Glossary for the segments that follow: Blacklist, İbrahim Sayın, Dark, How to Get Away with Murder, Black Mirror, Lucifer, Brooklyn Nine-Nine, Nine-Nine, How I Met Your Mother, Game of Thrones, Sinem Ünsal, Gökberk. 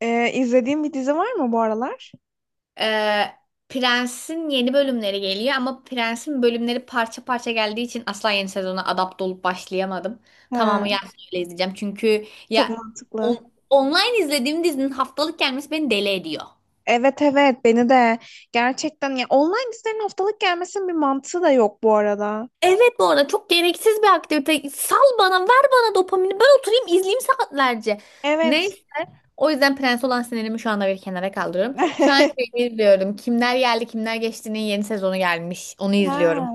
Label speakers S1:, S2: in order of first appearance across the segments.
S1: İzlediğin bir dizi var mı bu aralar?
S2: Ee, Prens'in yeni bölümleri geliyor ama Prens'in bölümleri parça parça geldiği için asla yeni sezona adapte olup başlayamadım. Tamamı
S1: He,
S2: gelsin öyle izleyeceğim. Çünkü ya
S1: çok mantıklı.
S2: online izlediğim dizinin haftalık gelmesi beni deli ediyor.
S1: Evet, evet, beni de gerçekten ya, online dizilerin haftalık gelmesinin bir mantığı da yok bu arada.
S2: Evet, bu arada çok gereksiz bir aktivite. Sal bana, ver bana dopamini. Ben oturayım izleyeyim saatlerce. Neyse.
S1: Evet.
S2: O yüzden Prens olan sinirimi şu anda bir kenara kaldırıyorum. Şu an şey izliyorum. Kimler geldi, kimler geçti'nin yeni sezonu gelmiş. Onu izliyorum.
S1: Ha,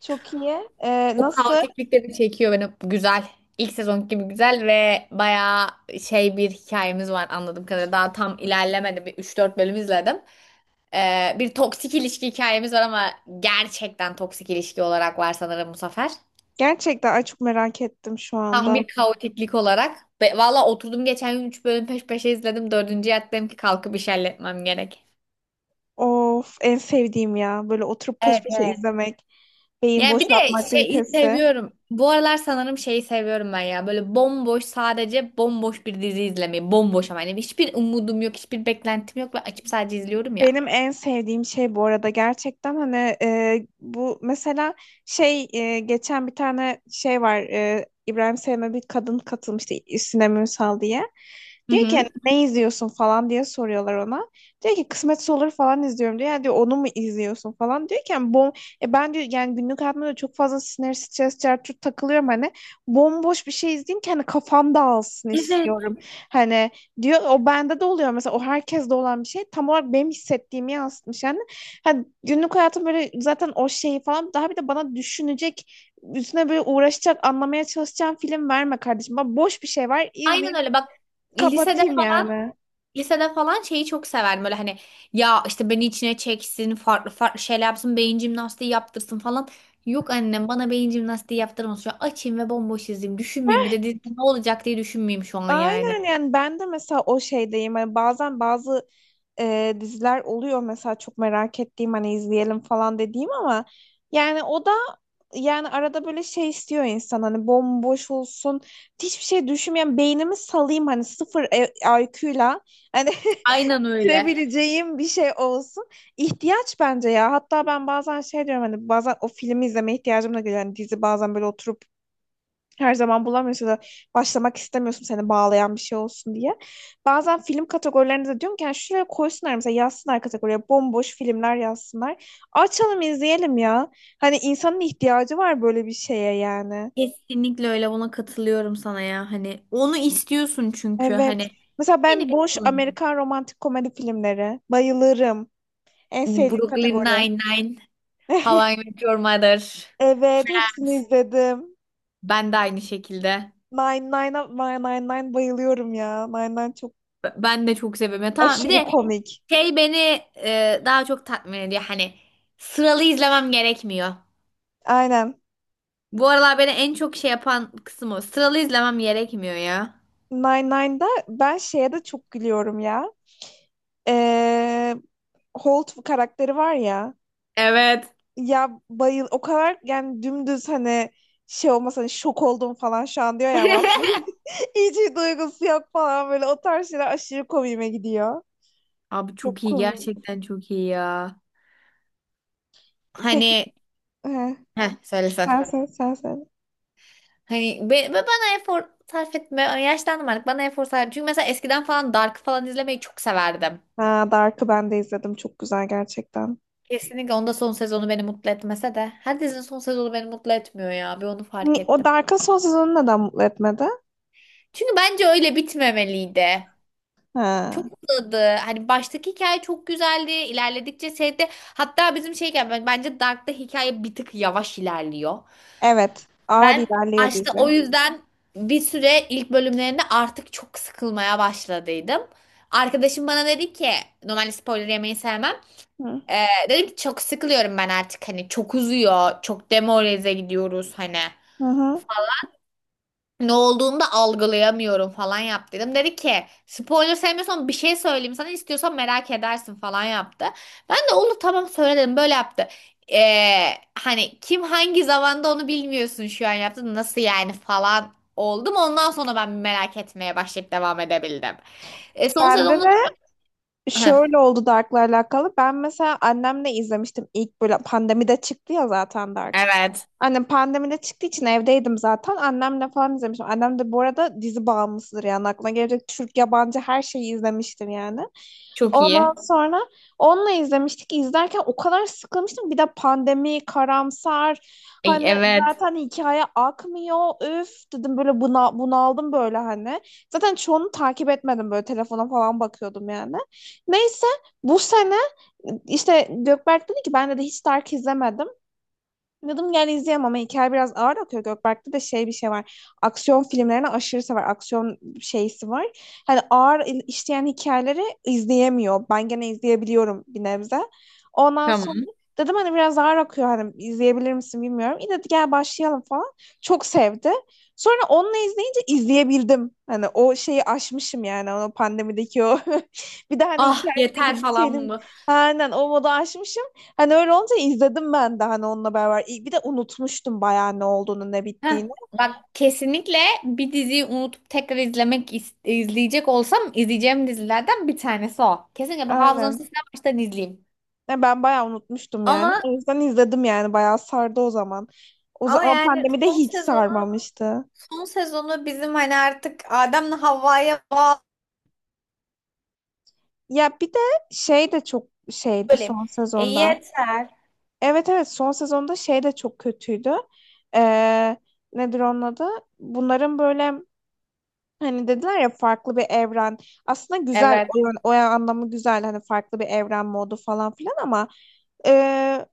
S1: çok iyi.
S2: O
S1: Nasıl?
S2: kaotiklik de bir çekiyor beni. Güzel. İlk sezon gibi güzel ve bayağı şey bir hikayemiz var anladığım kadarıyla. Daha tam ilerlemedi. Bir 3-4 bölüm izledim. Bir toksik ilişki hikayemiz var ama gerçekten toksik ilişki olarak var sanırım bu sefer.
S1: Gerçekten, ay çok merak ettim şu
S2: Tam
S1: anda.
S2: bir kaotiklik olarak. Ve valla oturdum geçen gün 3 bölüm peş peşe izledim. 4. yattım ki kalkıp iş halletmem gerek.
S1: Of, en sevdiğim ya böyle oturup peş
S2: Evet,
S1: peşe
S2: evet.
S1: izlemek, beyin
S2: Yani bir
S1: boşaltma
S2: de şeyi
S1: aktivitesi.
S2: seviyorum. Bu aralar sanırım şeyi seviyorum ben ya. Böyle bomboş, sadece bomboş bir dizi izlemeyi. Bomboş, ama yani hiçbir umudum yok, hiçbir beklentim yok ve açıp sadece izliyorum ya.
S1: Benim en sevdiğim şey bu arada, gerçekten hani bu mesela şey geçen bir tane şey var İbrahim Sayın'a bir kadın katılmıştı, Sinem Ünsal diye.
S2: Hı
S1: Diyor ki hani,
S2: hı.
S1: ne izliyorsun falan diye soruyorlar ona. Diyor ki kısmetse olur falan izliyorum diyor. Yani diyor, onu mu izliyorsun falan diyor ki yani, bom e ben diyor, yani günlük hayatımda da çok fazla sinir, stres, çarçur takılıyorum hani. Bomboş bir şey izleyeyim ki hani kafam dağılsın
S2: Evet.
S1: istiyorum. Hani diyor, o bende de oluyor, mesela o herkeste olan bir şey, tam olarak benim hissettiğimi yansıtmış yani. Hani günlük hayatım böyle zaten, o şeyi falan daha bir de bana düşünecek, üstüne böyle uğraşacak, anlamaya çalışacağım film verme kardeşim. Bak, boş bir şey var,
S2: Aynen
S1: izleyeyim,
S2: öyle, bak, lisede
S1: kapatayım
S2: falan
S1: yani.
S2: lisede falan şeyi çok severdim, böyle hani ya işte beni içine çeksin, farklı farklı şeyler yapsın, beyin jimnastiği yaptırsın falan. Yok, annem bana beyin jimnastiği yaptırmasın, şu an açayım ve bomboş izleyeyim, düşünmeyeyim, bir
S1: Heh,
S2: de dizi ne olacak diye düşünmeyeyim şu an yani.
S1: aynen yani, ben de mesela o şeydeyim. Hani bazen bazı diziler oluyor mesela, çok merak ettiğim hani izleyelim falan dediğim ama yani o da, yani arada böyle şey istiyor insan, hani bomboş olsun, hiçbir şey düşünmeyen beynimi salayım, hani sıfır IQ'yla hani
S2: Aynen öyle.
S1: bitirebileceğim bir şey olsun. İhtiyaç bence ya, hatta ben bazen şey diyorum, hani bazen o filmi izleme ihtiyacım da geliyor. Hani dizi bazen böyle oturup, her zaman bulamıyorsun da, başlamak istemiyorsun, seni bağlayan bir şey olsun diye. Bazen film kategorilerinde de diyorum ki, yani şuraya koysunlar, mesela yazsınlar kategoriye, bomboş filmler yazsınlar. Açalım izleyelim ya. Hani insanın ihtiyacı var böyle bir şeye yani.
S2: Kesinlikle öyle, buna katılıyorum sana ya. Hani onu istiyorsun çünkü
S1: Evet.
S2: hani
S1: Mesela
S2: beni
S1: ben boş
S2: bekliyorlar.
S1: Amerikan romantik komedi filmleri bayılırım. En sevdiğim
S2: Brooklyn
S1: kategori.
S2: Nine-Nine, How I Met Your Mother.
S1: Evet, hepsini izledim.
S2: Ben de aynı şekilde.
S1: Nine nine Nine Nine Nine bayılıyorum ya. Nine Nine çok
S2: Ben de çok seviyorum. Ya tamam, bir
S1: aşırı
S2: de
S1: komik.
S2: şey beni daha çok tatmin ediyor. Hani sıralı izlemem gerekmiyor.
S1: Aynen.
S2: Bu aralar beni en çok şey yapan kısım o. Sıralı izlemem gerekmiyor ya.
S1: Nine-Nine'da ben şeye de çok gülüyorum ya. Ee, Holt karakteri var ya.
S2: Evet.
S1: Ya bayıl, o kadar yani, dümdüz hani, şey olmasa hani şok oldum falan şu an diyor ya, ama aslında hiç bir duygusu yok falan, böyle o tarz şeyler aşırı komiğime gidiyor.
S2: Abi
S1: Çok
S2: çok iyi,
S1: komik.
S2: gerçekten çok iyi ya.
S1: Peki
S2: Hani
S1: he,
S2: heh söylesen.
S1: sen sen sen sen.
S2: Hani be, ve bana efor sarf etme. Yaşlandım artık. Bana efor sarf. Çünkü mesela eskiden falan Dark falan izlemeyi çok severdim.
S1: Ha, Dark'ı ben de izledim. Çok güzel gerçekten.
S2: Kesinlikle onda son sezonu beni mutlu etmese de. Her dizinin son sezonu beni mutlu etmiyor ya. Bir onu fark
S1: O
S2: ettim.
S1: Dark'ın son sezonu neden mutlu etmedi?
S2: Çünkü bence öyle bitmemeliydi. Çok
S1: Ha.
S2: uzadı. Hani baştaki hikaye çok güzeldi. İlerledikçe şeyde, hatta bizim şeyken bence Dark'ta hikaye bir tık yavaş ilerliyor.
S1: Evet. Ağır
S2: Ben
S1: ilerliyor
S2: başta
S1: dizi.
S2: o yüzden bir süre ilk bölümlerinde artık çok sıkılmaya başladıydım. Arkadaşım bana dedi ki, normalde spoiler yemeyi sevmem.
S1: Hı.
S2: Dedim ki çok sıkılıyorum ben artık, hani çok uzuyor, çok demoralize gidiyoruz, hani
S1: Hı hı.
S2: ne olduğunu da algılayamıyorum falan, yap dedim. Dedi ki spoiler sevmiyorsan bir şey söyleyeyim sana, istiyorsan merak edersin falan yaptı. Ben de olur tamam söyle dedim, böyle yaptı. Hani kim hangi zamanda onu bilmiyorsun şu an, yaptı nasıl yani falan oldum. Ondan sonra ben merak etmeye başlayıp devam edebildim. E, son
S1: Bende
S2: sezonda
S1: de
S2: heh.
S1: şöyle oldu Dark'la alakalı. Ben mesela annemle izlemiştim, ilk böyle pandemide çıktı ya zaten Dark.
S2: Evet.
S1: Annem pandemide çıktığı için evdeydim zaten. Annemle falan izlemiştim. Annem de bu arada dizi bağımlısıdır yani. Aklına gelecek Türk, yabancı her şeyi izlemiştir yani.
S2: Çok iyi.
S1: Ondan sonra onunla izlemiştik. İzlerken o kadar sıkılmıştım. Bir de pandemi, karamsar.
S2: E,
S1: Hani
S2: evet.
S1: zaten hikaye akmıyor. Üf dedim böyle buna, bunaldım böyle hani. Zaten çoğunu takip etmedim, böyle telefona falan bakıyordum yani. Neyse, bu sene işte Gökberk dedi ki, ben de hiç Dark izlemedim. Yadım, gel izleyemem ama hikaye biraz ağır akıyor. Gökberk'te de şey bir şey var. Aksiyon filmlerini aşırı sever. Aksiyon şeysi var. Hani ağır işleyen hikayeleri izleyemiyor. Ben gene izleyebiliyorum bir nebze. Ondan sonra
S2: Tamam.
S1: dedim hani biraz ağır akıyor, hani izleyebilir misin bilmiyorum. İyi dedi, gel başlayalım falan. Çok sevdi. Sonra onunla izleyince izleyebildim. Hani o şeyi aşmışım yani, o pandemideki o. Bir de hani
S2: Ah yeter
S1: hikayene
S2: falan
S1: gideceğim.
S2: mı?
S1: Aynen, o modu aşmışım. Hani öyle olunca izledim ben de, hani onunla beraber. Bir de unutmuştum bayağı, ne olduğunu ne
S2: Heh,
S1: bittiğini.
S2: bak, kesinlikle bir diziyi unutup tekrar izlemek izleyecek olsam izleyeceğim dizilerden bir tanesi o. Kesinlikle bir hafızamın
S1: Aynen.
S2: sistem baştan izleyeyim.
S1: Ya ben bayağı unutmuştum yani.
S2: Ama
S1: O yüzden izledim yani, bayağı sardı o zaman. O
S2: ama
S1: zaman
S2: yani
S1: pandemide
S2: son
S1: hiç
S2: sezonu
S1: sarmamıştı.
S2: son sezonu bizim hani artık Adem'le Havva'ya bağlı
S1: Ya bir de şey de çok şeydi
S2: bölüm.
S1: son
S2: E
S1: sezonda.
S2: yeter.
S1: Evet, evet, son sezonda şey de çok kötüydü. Ee, Nedir onun adı? Bunların böyle hani dediler ya, farklı bir evren. Aslında güzel
S2: Evet,
S1: o, o anlamı güzel hani, farklı bir evren modu falan filan ama Ee,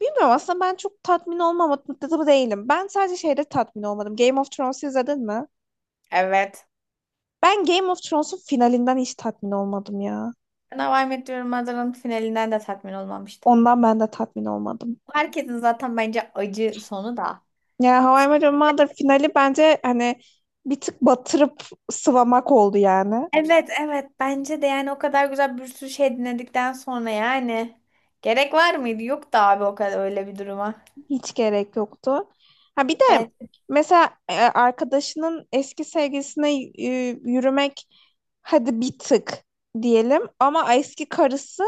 S1: bilmiyorum, aslında ben çok tatmin olmadım değilim. Ben sadece şeyde tatmin olmadım. Game of Thrones izledin mi?
S2: evet.
S1: Ben Game of Thrones'un finalinden hiç tatmin olmadım ya.
S2: Ben How I Met Your Mother'ın finalinden de tatmin olmamıştım.
S1: Ondan ben de tatmin olmadım.
S2: Herkesin zaten bence acı sonu da.
S1: Yani How I Met Your Mother finali bence hani bir tık batırıp sıvamak oldu yani.
S2: Evet evet, bence de yani o kadar güzel bir sürü şey dinledikten sonra yani gerek var mıydı? Yok da abi o kadar öyle bir duruma.
S1: Hiç gerek yoktu. Ha, bir de
S2: Ben...
S1: mesela arkadaşının eski sevgilisine yürümek, hadi bir tık diyelim, ama eski karısı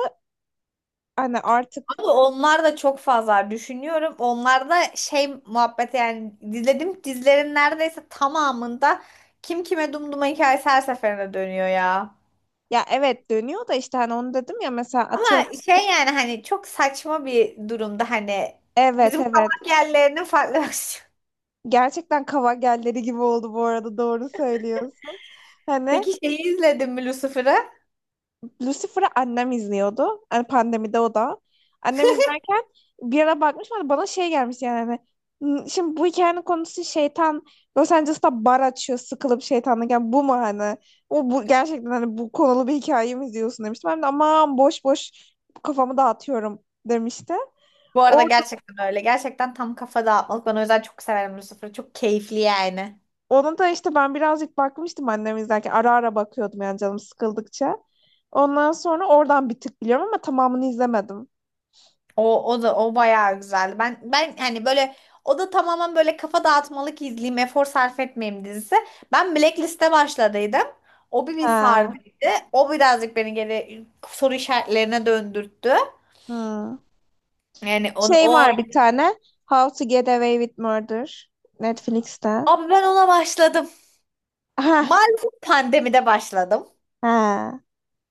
S1: hani artık.
S2: Ama onlar da çok fazla düşünüyorum. Onlar da şey muhabbeti, yani dizledim dizilerin neredeyse tamamında kim kime dumduma hikayesi her seferinde dönüyor ya.
S1: Ya evet, dönüyor da işte hani, onu dedim ya mesela, atıyorum.
S2: Ama şey yani hani çok saçma bir durumda, hani
S1: Evet,
S2: bizim
S1: evet.
S2: kavak yerlerinin farklı versiyonu.
S1: Gerçekten Kavagelleri gibi oldu bu arada, doğru söylüyorsun. Hani.
S2: Peki şeyi izledin mi, Lucifer'ı?
S1: Lucifer'ı annem izliyordu. Hani pandemide o da. Annem izlerken bir ara bakmış, bana şey gelmiş yani hani, Şimdi bu hikayenin konusu şeytan Los Angeles'ta bar açıyor, sıkılıp şeytanlık. Yani bu mu hani? O bu gerçekten, hani bu konulu bir hikaye mi izliyorsun" demiştim. Ben de, "aman, boş boş kafamı dağıtıyorum" demişti.
S2: Bu
S1: O
S2: arada gerçekten öyle. Gerçekten tam kafa dağıtmalık. Ben o yüzden çok severim Lucifer'ı. Çok keyifli yani.
S1: Onu da işte ben birazcık bakmıştım annem izlerken. Ara ara bakıyordum yani, canım sıkıldıkça. Ondan sonra oradan bir tık biliyorum ama tamamını izlemedim.
S2: O, o da o bayağı güzeldi. Ben hani böyle o da tamamen böyle kafa dağıtmalık izleyeyim, efor sarf etmeyeyim dizisi. Ben Blacklist'e başladıydım. O bir
S1: Ha.
S2: sardıydı. O birazcık beni geri soru işaretlerine döndürttü.
S1: Hmm.
S2: Yani on,
S1: Şey
S2: o
S1: var bir tane. How to Get Away with Murder. Netflix'te.
S2: abi ben ona başladım.
S1: Ha.
S2: Maalesef pandemide başladım.
S1: Ha.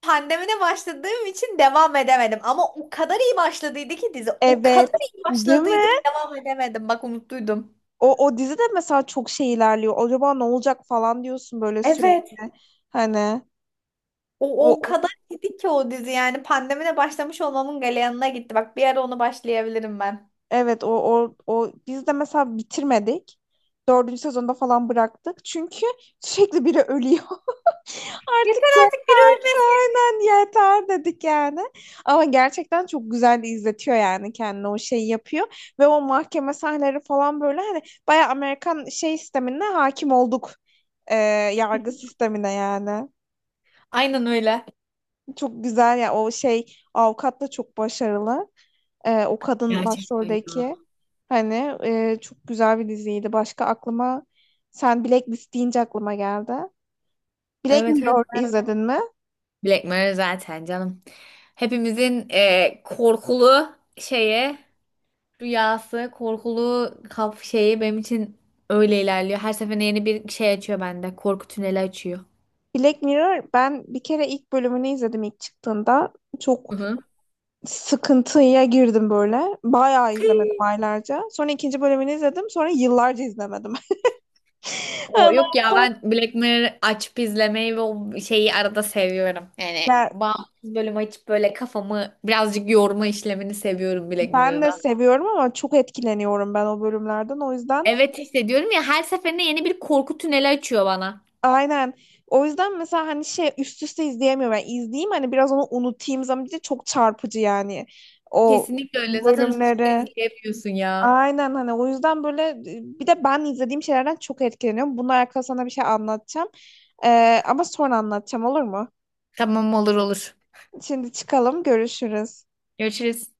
S2: Pandemide başladığım için devam edemedim. Ama o kadar iyi başladıydı ki dizi. O
S1: Evet.
S2: kadar iyi
S1: Değil
S2: başladıydı ki
S1: mi?
S2: devam edemedim. Bak umutluydum.
S1: O dizi de mesela çok şey ilerliyor. Acaba ne olacak falan diyorsun böyle
S2: Evet.
S1: sürekli. Hani
S2: O,
S1: o.
S2: o kadar iyiydi ki o dizi, yani pandemide başlamış olmamın galeyanına gitti. Bak bir ara onu başlayabilirim ben.
S1: Evet, o biz de mesela bitirmedik. Dördüncü sezonda falan bıraktık. Çünkü sürekli biri ölüyor.
S2: Yeter
S1: Artık yani,
S2: artık, biri ölmesin.
S1: aynen, yeter dedik yani. Ama gerçekten çok güzel de izletiyor yani kendini, o şeyi yapıyor. Ve o mahkeme sahneleri falan böyle hani, bayağı Amerikan şey sistemine hakim olduk. Ee, Yargı sistemine yani.
S2: Aynen öyle.
S1: Çok güzel ya o şey, avukat da çok başarılı. O kadın
S2: Gerçekten ya.
S1: başroldeki hani, çok güzel bir diziydi. Başka aklıma, sen Blacklist deyince aklıma geldi. Black
S2: Evet, evet.
S1: Mirror izledin mi?
S2: Black Mirror zaten canım. Hepimizin korkulu şeye rüyası, korkulu kaf şeyi benim için öyle ilerliyor. Her seferinde yeni bir şey açıyor bende. Korku tüneli açıyor.
S1: Black Mirror, ben bir kere ilk bölümünü izledim ilk çıktığında. Çok
S2: Hı hı.
S1: sıkıntıya girdim böyle. Bayağı izlemedim aylarca. Sonra ikinci bölümünü izledim. Sonra yıllarca izlemedim.
S2: O yok
S1: Ondan
S2: ya, ben
S1: sonra—
S2: Black Mirror açıp izlemeyi ve o şeyi arada seviyorum. Yani
S1: Ya
S2: bağımsız bölüm açıp böyle kafamı birazcık yorma işlemini seviyorum Black
S1: ben
S2: Mirror'da.
S1: de seviyorum ama çok etkileniyorum ben o bölümlerden. O yüzden.
S2: Evet, hissediyorum ya her seferinde yeni bir korku tüneli açıyor bana.
S1: Aynen. O yüzden mesela hani şey üst üste izleyemiyorum. Yani izleyeyim hani biraz onu unutayım zaman diye, çok çarpıcı yani o
S2: Kesinlikle öyle. Zaten üst üste
S1: bölümleri.
S2: izleyemiyorsun ya.
S1: Aynen hani, o yüzden böyle bir de ben izlediğim şeylerden çok etkileniyorum. Bununla alakalı sana bir şey anlatacağım. Ama sonra anlatacağım, olur mu?
S2: Tamam, olur olur.
S1: Şimdi çıkalım, görüşürüz.
S2: Görüşürüz.